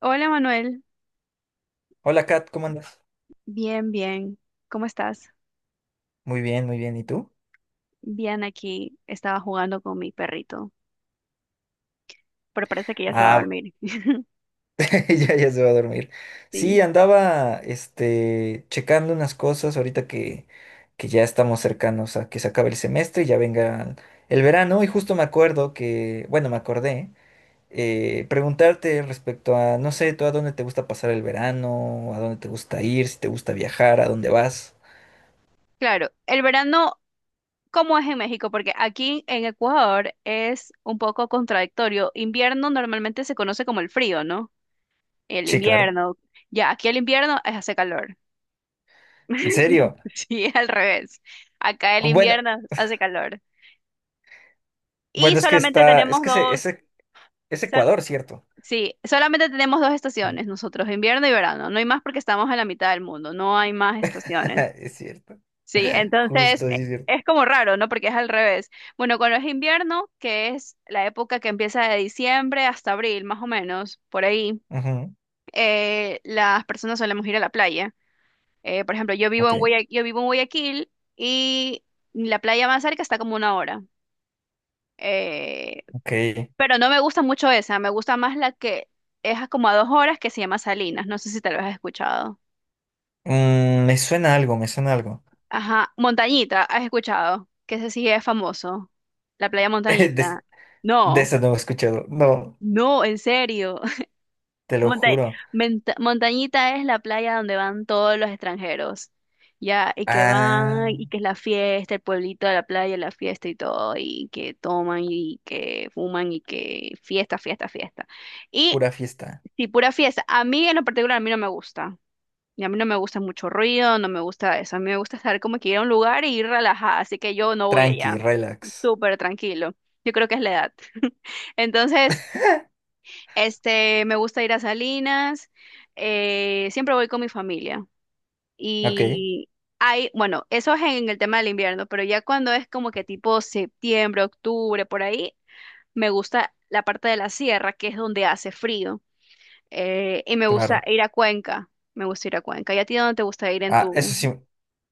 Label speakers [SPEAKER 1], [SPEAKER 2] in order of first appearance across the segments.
[SPEAKER 1] Hola Manuel,
[SPEAKER 2] Hola Kat, ¿cómo andas?
[SPEAKER 1] bien, bien. ¿Cómo estás?
[SPEAKER 2] Muy bien, muy bien. ¿Y tú?
[SPEAKER 1] Bien, aquí estaba jugando con mi perrito, pero parece que ya se va a
[SPEAKER 2] Ah,
[SPEAKER 1] dormir.
[SPEAKER 2] ya, ya se va a dormir. Sí,
[SPEAKER 1] Sí.
[SPEAKER 2] andaba checando unas cosas ahorita que ya estamos cercanos a que se acabe el semestre y ya venga el verano. Y justo me acuerdo que, bueno, me acordé preguntarte respecto a, no sé, tú a dónde te gusta pasar el verano, a dónde te gusta ir, si te gusta viajar, a dónde vas.
[SPEAKER 1] Claro, el verano, ¿cómo es en México? Porque aquí en Ecuador es un poco contradictorio. Invierno normalmente se conoce como el frío, ¿no? El
[SPEAKER 2] Sí, claro.
[SPEAKER 1] invierno. Ya, aquí el invierno hace calor.
[SPEAKER 2] ¿En serio?
[SPEAKER 1] Sí, al revés. Acá el
[SPEAKER 2] Bueno,
[SPEAKER 1] invierno hace calor. Y
[SPEAKER 2] bueno, es que
[SPEAKER 1] solamente
[SPEAKER 2] está, es
[SPEAKER 1] tenemos
[SPEAKER 2] que ese,
[SPEAKER 1] dos.
[SPEAKER 2] ese, es Ecuador, ¿cierto?
[SPEAKER 1] Sí, solamente tenemos dos
[SPEAKER 2] Sí.
[SPEAKER 1] estaciones nosotros, invierno y verano. No hay más porque estamos en la mitad del mundo, no hay más estaciones.
[SPEAKER 2] Es cierto.
[SPEAKER 1] Sí, entonces
[SPEAKER 2] Justo, sí es cierto.
[SPEAKER 1] es como raro, ¿no? Porque es al revés. Bueno, cuando es invierno, que es la época que empieza de diciembre hasta abril, más o menos, por ahí,
[SPEAKER 2] Ujú.
[SPEAKER 1] las personas solemos ir a la playa. Por ejemplo,
[SPEAKER 2] Ok,
[SPEAKER 1] yo vivo en Guayaquil y la playa más cerca está como una hora. Eh,
[SPEAKER 2] ok.
[SPEAKER 1] Pero no me gusta mucho esa, me gusta más la que es a como a 2 horas que se llama Salinas, no sé si tal vez has escuchado.
[SPEAKER 2] Mm, me suena algo, me suena algo.
[SPEAKER 1] Ajá, Montañita, has escuchado, que ese sí es famoso, la playa
[SPEAKER 2] De,
[SPEAKER 1] Montañita.
[SPEAKER 2] de
[SPEAKER 1] No,
[SPEAKER 2] eso no he escuchado. No,
[SPEAKER 1] no, en serio.
[SPEAKER 2] te lo
[SPEAKER 1] Monta-
[SPEAKER 2] juro.
[SPEAKER 1] Montañita es la playa donde van todos los extranjeros, ya, y que van,
[SPEAKER 2] Ah,
[SPEAKER 1] y que es la fiesta, el pueblito de la playa, la fiesta y todo, y que toman, y que fuman, y que fiesta, fiesta, fiesta. Y
[SPEAKER 2] pura fiesta.
[SPEAKER 1] sí, pura fiesta. A mí en lo particular, a mí no me gusta. Y a mí no me gusta mucho ruido, no me gusta eso. A mí me gusta estar como que ir a un lugar y ir relajada, así que yo no voy allá.
[SPEAKER 2] Tranqui, relax.
[SPEAKER 1] Súper tranquilo. Yo creo que es la edad. Entonces, me gusta ir a Salinas, siempre voy con mi familia.
[SPEAKER 2] Ok,
[SPEAKER 1] Y hay, bueno, eso es en el tema del invierno, pero ya cuando es como que tipo septiembre, octubre, por ahí, me gusta la parte de la sierra, que es donde hace frío. Y me gusta
[SPEAKER 2] claro.
[SPEAKER 1] ir a Cuenca. Me gusta ir a Cuenca. ¿Y a ti dónde te gusta ir en
[SPEAKER 2] Ah, eso
[SPEAKER 1] tu...
[SPEAKER 2] sí.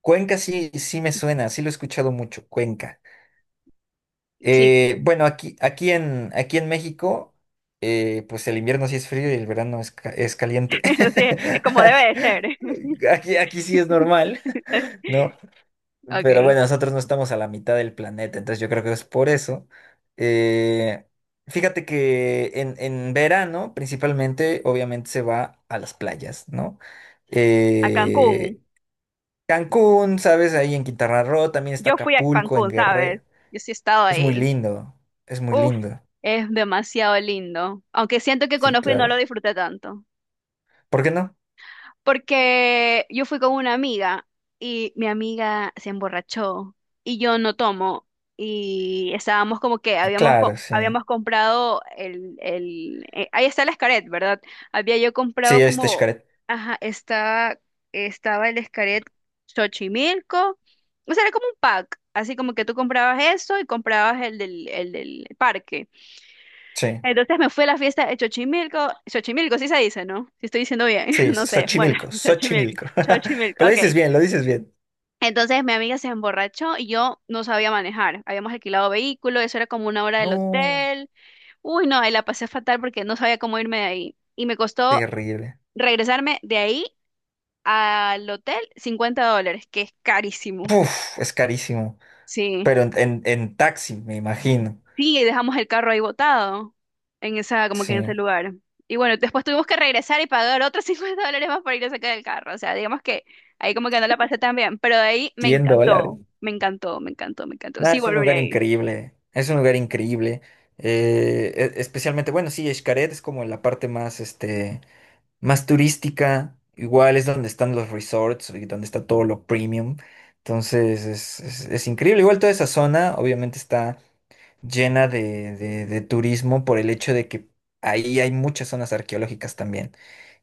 [SPEAKER 2] Cuenca sí, sí me suena, sí lo he escuchado mucho, Cuenca.
[SPEAKER 1] Sí,
[SPEAKER 2] Bueno, aquí en México, pues el invierno sí es frío y el verano es, es caliente.
[SPEAKER 1] sí, es como debe de ser.
[SPEAKER 2] Aquí sí es normal. No, pero
[SPEAKER 1] Okay.
[SPEAKER 2] bueno, nosotros no estamos a la mitad del planeta, entonces yo creo que es por eso. Eh, Fíjate que en verano, principalmente, obviamente se va a las playas, ¿no?
[SPEAKER 1] A Cancún.
[SPEAKER 2] Eh, Cancún, ¿sabes? Ahí en Quintana Roo, también está
[SPEAKER 1] Yo fui a
[SPEAKER 2] Acapulco, en
[SPEAKER 1] Cancún,
[SPEAKER 2] Guerrero.
[SPEAKER 1] ¿sabes? Yo sí he estado
[SPEAKER 2] Es muy
[SPEAKER 1] ahí.
[SPEAKER 2] lindo, es muy
[SPEAKER 1] Uf,
[SPEAKER 2] lindo.
[SPEAKER 1] es demasiado lindo. Aunque siento que
[SPEAKER 2] Sí,
[SPEAKER 1] cuando fui no
[SPEAKER 2] claro.
[SPEAKER 1] lo disfruté tanto.
[SPEAKER 2] ¿Por qué no?
[SPEAKER 1] Porque yo fui con una amiga y mi amiga se emborrachó y yo no tomo. Y estábamos como que
[SPEAKER 2] Ah,
[SPEAKER 1] habíamos,
[SPEAKER 2] claro,
[SPEAKER 1] co-
[SPEAKER 2] sí.
[SPEAKER 1] habíamos comprado el ahí está el Escaret, ¿verdad? Había yo
[SPEAKER 2] Sí,
[SPEAKER 1] comprado
[SPEAKER 2] este
[SPEAKER 1] como,
[SPEAKER 2] Xcaret.
[SPEAKER 1] ajá, estaba el Escaret Xochimilco. O sea, era como un pack. Así como que tú comprabas eso y comprabas el del parque.
[SPEAKER 2] Sí,
[SPEAKER 1] Entonces me fui a la fiesta de Xochimilco. Xochimilco, sí se dice, ¿no? Si estoy diciendo bien,
[SPEAKER 2] sí,
[SPEAKER 1] no sé. Bueno,
[SPEAKER 2] Xochimilco,
[SPEAKER 1] Xochimilco,
[SPEAKER 2] Xochimilco. Pero
[SPEAKER 1] Xochimilco,
[SPEAKER 2] lo dices
[SPEAKER 1] ok.
[SPEAKER 2] bien, lo dices bien.
[SPEAKER 1] Entonces mi amiga se emborrachó y yo no sabía manejar. Habíamos alquilado vehículo, eso era como una hora del
[SPEAKER 2] No,
[SPEAKER 1] hotel. Uy, no, ahí la pasé fatal porque no sabía cómo irme de ahí. Y me costó
[SPEAKER 2] terrible.
[SPEAKER 1] regresarme de ahí al hotel $50, que es carísimo.
[SPEAKER 2] Uf, es carísimo.
[SPEAKER 1] Sí.
[SPEAKER 2] Pero en taxi, me imagino.
[SPEAKER 1] Sí, y dejamos el carro ahí botado, en esa, como que en
[SPEAKER 2] Sí,
[SPEAKER 1] ese lugar. Y bueno, después tuvimos que regresar y pagar otros $50 más para ir a sacar el carro. O sea, digamos que ahí como que no la pasé tan bien, pero de ahí me
[SPEAKER 2] 100 dólares.
[SPEAKER 1] encantó, me encantó, me encantó, me encantó.
[SPEAKER 2] Nada,
[SPEAKER 1] Sí,
[SPEAKER 2] es un
[SPEAKER 1] volveré
[SPEAKER 2] lugar
[SPEAKER 1] ahí.
[SPEAKER 2] increíble. Es un lugar increíble. Especialmente, bueno, sí, Xcaret es como la parte más, este, más turística. Igual es donde están los resorts y donde está todo lo premium. Entonces, es increíble. Igual toda esa zona, obviamente, está llena de, de turismo por el hecho de que ahí hay muchas zonas arqueológicas también,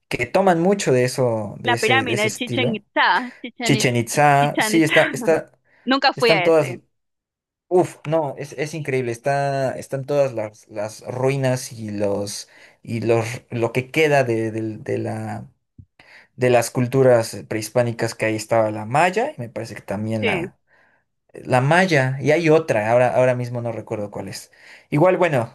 [SPEAKER 2] que toman mucho de eso,
[SPEAKER 1] La
[SPEAKER 2] de
[SPEAKER 1] pirámide
[SPEAKER 2] ese
[SPEAKER 1] de Chichen
[SPEAKER 2] estilo.
[SPEAKER 1] Itza, Chichen Itza,
[SPEAKER 2] Chichen Itza,
[SPEAKER 1] Chichen
[SPEAKER 2] sí,
[SPEAKER 1] Itza.
[SPEAKER 2] está,
[SPEAKER 1] Nunca fui
[SPEAKER 2] están
[SPEAKER 1] a
[SPEAKER 2] todas,
[SPEAKER 1] ese.
[SPEAKER 2] uf, no, es increíble, está, están todas las ruinas y los, lo que queda de, de las culturas prehispánicas que ahí estaba la maya, y me parece que también
[SPEAKER 1] Sí.
[SPEAKER 2] la, la Maya, y hay otra, ahora mismo no recuerdo cuál es. Igual, bueno,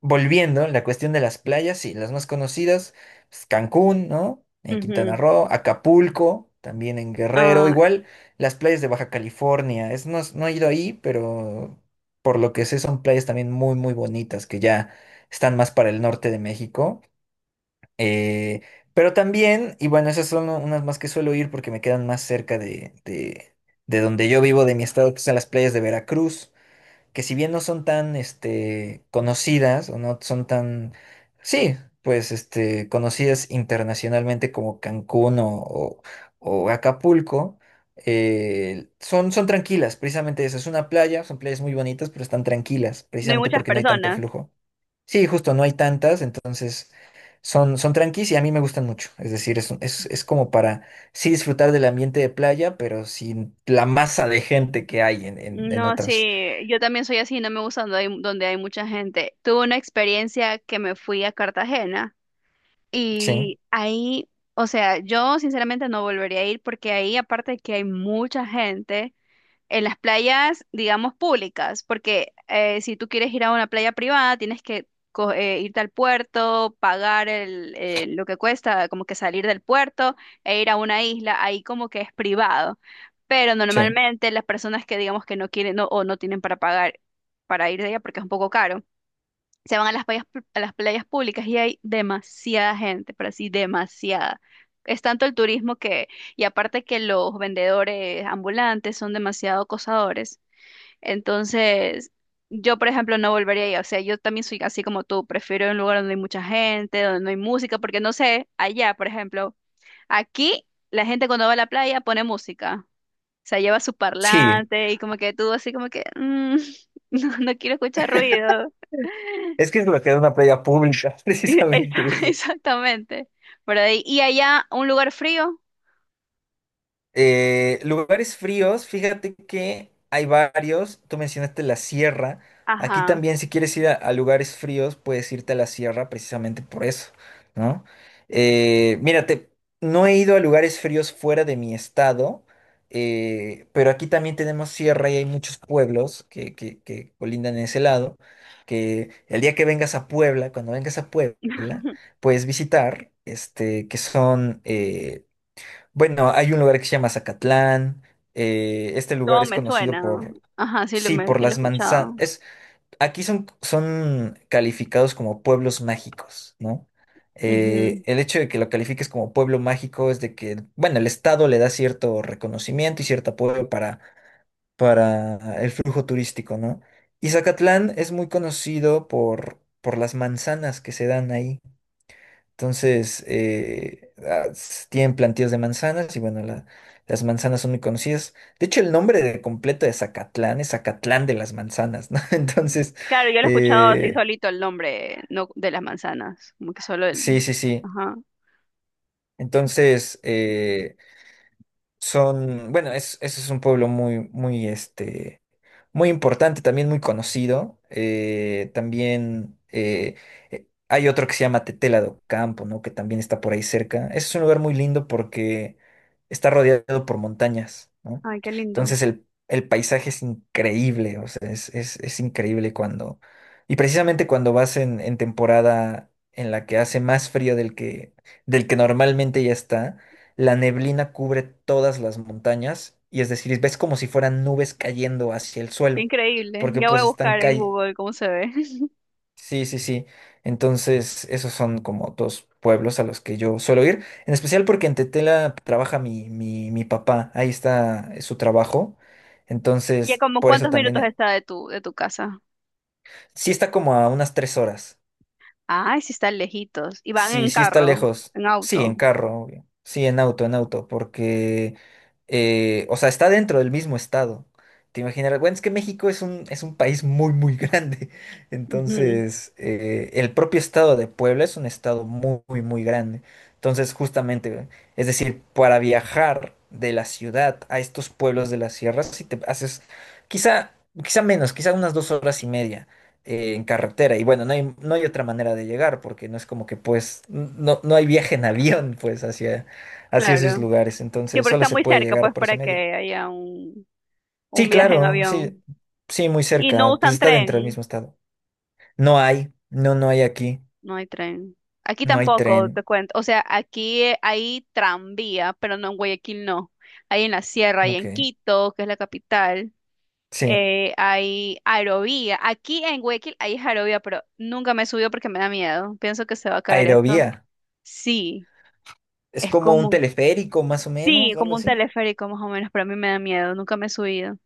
[SPEAKER 2] volviendo, la cuestión de las playas, sí, las más conocidas, pues, Cancún, ¿no? En Quintana
[SPEAKER 1] Ujú.
[SPEAKER 2] Roo, Acapulco, también en Guerrero,
[SPEAKER 1] Ah,
[SPEAKER 2] igual las playas de Baja California, es, no, no he ido ahí, pero por lo que sé son playas también muy, muy bonitas, que ya están más para el norte de México. Eh, pero también, y bueno, esas son unas más que suelo ir porque me quedan más cerca de donde yo vivo, de mi estado, que son las playas de Veracruz, que si bien no son tan este, conocidas o no son tan, sí, pues este, conocidas internacionalmente como Cancún o Acapulco, son, son tranquilas, precisamente eso, es una playa, son playas muy bonitas, pero están tranquilas,
[SPEAKER 1] no hay
[SPEAKER 2] precisamente
[SPEAKER 1] muchas
[SPEAKER 2] porque no hay tanto
[SPEAKER 1] personas.
[SPEAKER 2] flujo. Sí, justo, no hay tantas, entonces son, son tranquis y a mí me gustan mucho. Es decir, es como para sí disfrutar del ambiente de playa, pero sin la masa de gente que hay en
[SPEAKER 1] No,
[SPEAKER 2] otras.
[SPEAKER 1] sí, yo también soy así, no me gusta donde hay mucha gente. Tuve una experiencia que me fui a Cartagena.
[SPEAKER 2] Sí,
[SPEAKER 1] Y ahí, o sea, yo sinceramente no volvería a ir porque ahí, aparte de que hay mucha gente, en las playas, digamos, públicas, porque si tú quieres ir a una playa privada, tienes que irte al puerto, pagar lo que cuesta, como que salir del puerto e ir a una isla, ahí como que es privado. Pero
[SPEAKER 2] sí,
[SPEAKER 1] normalmente las personas que digamos que no quieren no- o no tienen para pagar para ir de allá porque es un poco caro se van a las playas públicas y hay demasiada gente, pero así demasiada. Es tanto el turismo que, y aparte que los vendedores ambulantes son demasiado acosadores. Entonces, yo, por ejemplo, no volvería ahí. O sea, yo también soy así como tú, prefiero un lugar donde hay mucha gente, donde no hay música, porque no sé, allá, por ejemplo, aquí la gente cuando va a la playa pone música. O sea, lleva su
[SPEAKER 2] sí.
[SPEAKER 1] parlante y como que tú así como que, "Mm, no, no quiero escuchar ruido.
[SPEAKER 2] Es que es lo que es una playa pública, precisamente eso.
[SPEAKER 1] Exactamente. Por ahí. Y allá, un lugar frío.
[SPEAKER 2] Lugares fríos, fíjate que hay varios. Tú mencionaste la sierra. Aquí
[SPEAKER 1] Ajá.
[SPEAKER 2] también, si quieres ir a lugares fríos, puedes irte a la sierra precisamente por eso, ¿no? Mírate, no he ido a lugares fríos fuera de mi estado, pero aquí también tenemos sierra y hay muchos pueblos que colindan en ese lado. Que el día que vengas a Puebla, cuando vengas a Puebla, puedes visitar, este, que son, bueno, hay un lugar que se llama Zacatlán. Eh, este lugar
[SPEAKER 1] Todo
[SPEAKER 2] es
[SPEAKER 1] me
[SPEAKER 2] conocido
[SPEAKER 1] suena.
[SPEAKER 2] por,
[SPEAKER 1] Ajá,
[SPEAKER 2] sí, por
[SPEAKER 1] sí lo he
[SPEAKER 2] las manzanas.
[SPEAKER 1] escuchado.
[SPEAKER 2] Es, aquí son, son calificados como pueblos mágicos, ¿no?
[SPEAKER 1] Ujú.
[SPEAKER 2] El hecho de que lo califiques como pueblo mágico es de que, bueno, el estado le da cierto reconocimiento y cierto apoyo para el flujo turístico, ¿no? Y Zacatlán es muy conocido por las manzanas que se dan ahí. Entonces, tienen plantíos de manzanas y bueno, las manzanas son muy conocidas. De hecho, el nombre de completo de Zacatlán es Zacatlán de las manzanas, ¿no? Entonces,
[SPEAKER 1] Claro, yo lo he escuchado así
[SPEAKER 2] eh,
[SPEAKER 1] solito el nombre, no de las manzanas. Como que solo
[SPEAKER 2] sí,
[SPEAKER 1] el.
[SPEAKER 2] sí, sí.
[SPEAKER 1] Ajá.
[SPEAKER 2] Entonces, son, bueno, ese es un pueblo muy, muy, este, muy importante, también muy conocido. También Hay otro que se llama Tetela do Campo, ¿no? Que también está por ahí cerca. Ese es un lugar muy lindo porque está rodeado por montañas, ¿no?
[SPEAKER 1] Ay, qué lindo.
[SPEAKER 2] Entonces el paisaje es increíble, o sea, es increíble cuando... Y precisamente cuando vas en temporada en la que hace más frío del que normalmente ya está, la neblina cubre todas las montañas y es decir, ves como si fueran nubes cayendo hacia el
[SPEAKER 1] Qué
[SPEAKER 2] suelo,
[SPEAKER 1] increíble.
[SPEAKER 2] porque
[SPEAKER 1] Ya voy
[SPEAKER 2] pues
[SPEAKER 1] a
[SPEAKER 2] están
[SPEAKER 1] buscar en
[SPEAKER 2] cay.
[SPEAKER 1] Google cómo se ve.
[SPEAKER 2] Sí, sí, sí. Entonces, esos son como dos pueblos a los que yo suelo ir, en especial porque en Tetela trabaja mi papá, ahí está su trabajo.
[SPEAKER 1] ¿Y a
[SPEAKER 2] Entonces,
[SPEAKER 1] como
[SPEAKER 2] por eso
[SPEAKER 1] cuántos
[SPEAKER 2] también,
[SPEAKER 1] minutos está de tu casa?
[SPEAKER 2] sí está como a unas 3 horas.
[SPEAKER 1] Ay, sí están lejitos. Y van
[SPEAKER 2] Sí,
[SPEAKER 1] en
[SPEAKER 2] sí está
[SPEAKER 1] carro,
[SPEAKER 2] lejos.
[SPEAKER 1] en
[SPEAKER 2] Sí, en
[SPEAKER 1] auto.
[SPEAKER 2] carro, obvio. Sí, en auto, porque, o sea, está dentro del mismo estado. Te imaginarás, bueno, es que México es un país muy, muy grande.
[SPEAKER 1] Ujú.
[SPEAKER 2] Entonces, el propio estado de Puebla es un estado muy, muy, muy grande. Entonces, justamente, es decir, para viajar de la ciudad a estos pueblos de las sierras, si te haces quizá, quizá menos, quizá unas 2 horas y media en carretera. Y bueno, no hay, no hay otra manera de llegar, porque no es como que pues, no, no hay viaje en avión, pues, hacia, hacia esos
[SPEAKER 1] Claro.
[SPEAKER 2] lugares.
[SPEAKER 1] Sí,
[SPEAKER 2] Entonces,
[SPEAKER 1] pero
[SPEAKER 2] solo
[SPEAKER 1] está
[SPEAKER 2] se
[SPEAKER 1] muy
[SPEAKER 2] puede
[SPEAKER 1] cerca,
[SPEAKER 2] llegar
[SPEAKER 1] pues,
[SPEAKER 2] por ese
[SPEAKER 1] para que
[SPEAKER 2] medio.
[SPEAKER 1] haya un
[SPEAKER 2] Sí,
[SPEAKER 1] viaje en
[SPEAKER 2] claro, sí,
[SPEAKER 1] avión.
[SPEAKER 2] sí, muy
[SPEAKER 1] Y no
[SPEAKER 2] cerca. Pues
[SPEAKER 1] usan
[SPEAKER 2] está dentro del
[SPEAKER 1] tren,
[SPEAKER 2] mismo estado. No hay, no, no hay aquí.
[SPEAKER 1] no hay tren. Aquí
[SPEAKER 2] No hay
[SPEAKER 1] tampoco, te
[SPEAKER 2] tren.
[SPEAKER 1] cuento. O sea, aquí hay tranvía, pero no en Guayaquil, no. Hay en la sierra y
[SPEAKER 2] Ok.
[SPEAKER 1] en Quito, que es la capital.
[SPEAKER 2] Sí.
[SPEAKER 1] Eh, hay aerovía. Aquí en Guayaquil hay aerovía, pero nunca me subió porque me da miedo. Pienso que se va a caer esto.
[SPEAKER 2] Aerovía.
[SPEAKER 1] Sí,
[SPEAKER 2] Es
[SPEAKER 1] es
[SPEAKER 2] como un
[SPEAKER 1] como,
[SPEAKER 2] teleférico, más o
[SPEAKER 1] sí,
[SPEAKER 2] menos, o algo
[SPEAKER 1] como un
[SPEAKER 2] así.
[SPEAKER 1] teleférico más o menos, pero a mí me da miedo. Nunca me he subido.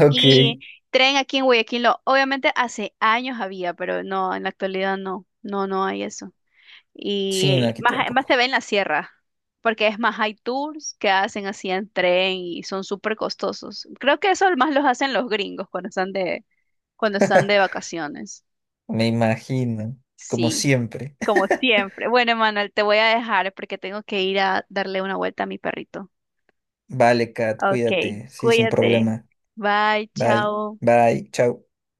[SPEAKER 2] Ok.
[SPEAKER 1] Y tren aquí en Guayaquil, lo- obviamente hace años había, pero no, en la actualidad no, no, no hay eso. Y
[SPEAKER 2] Sí, no, aquí
[SPEAKER 1] más te
[SPEAKER 2] tampoco.
[SPEAKER 1] ve en la sierra, porque es más hay tours que hacen así en tren y son súper costosos. Creo que eso más los hacen los gringos cuando están de vacaciones.
[SPEAKER 2] Me imagino, como
[SPEAKER 1] Sí,
[SPEAKER 2] siempre.
[SPEAKER 1] como siempre. Bueno, Manuel, te voy a dejar porque tengo que ir a darle una vuelta a mi perrito.
[SPEAKER 2] Vale, Kat,
[SPEAKER 1] Ok,
[SPEAKER 2] cuídate. Sí, sin
[SPEAKER 1] cuídate.
[SPEAKER 2] problema.
[SPEAKER 1] Bye,
[SPEAKER 2] Bye,
[SPEAKER 1] chao.
[SPEAKER 2] bye, chao.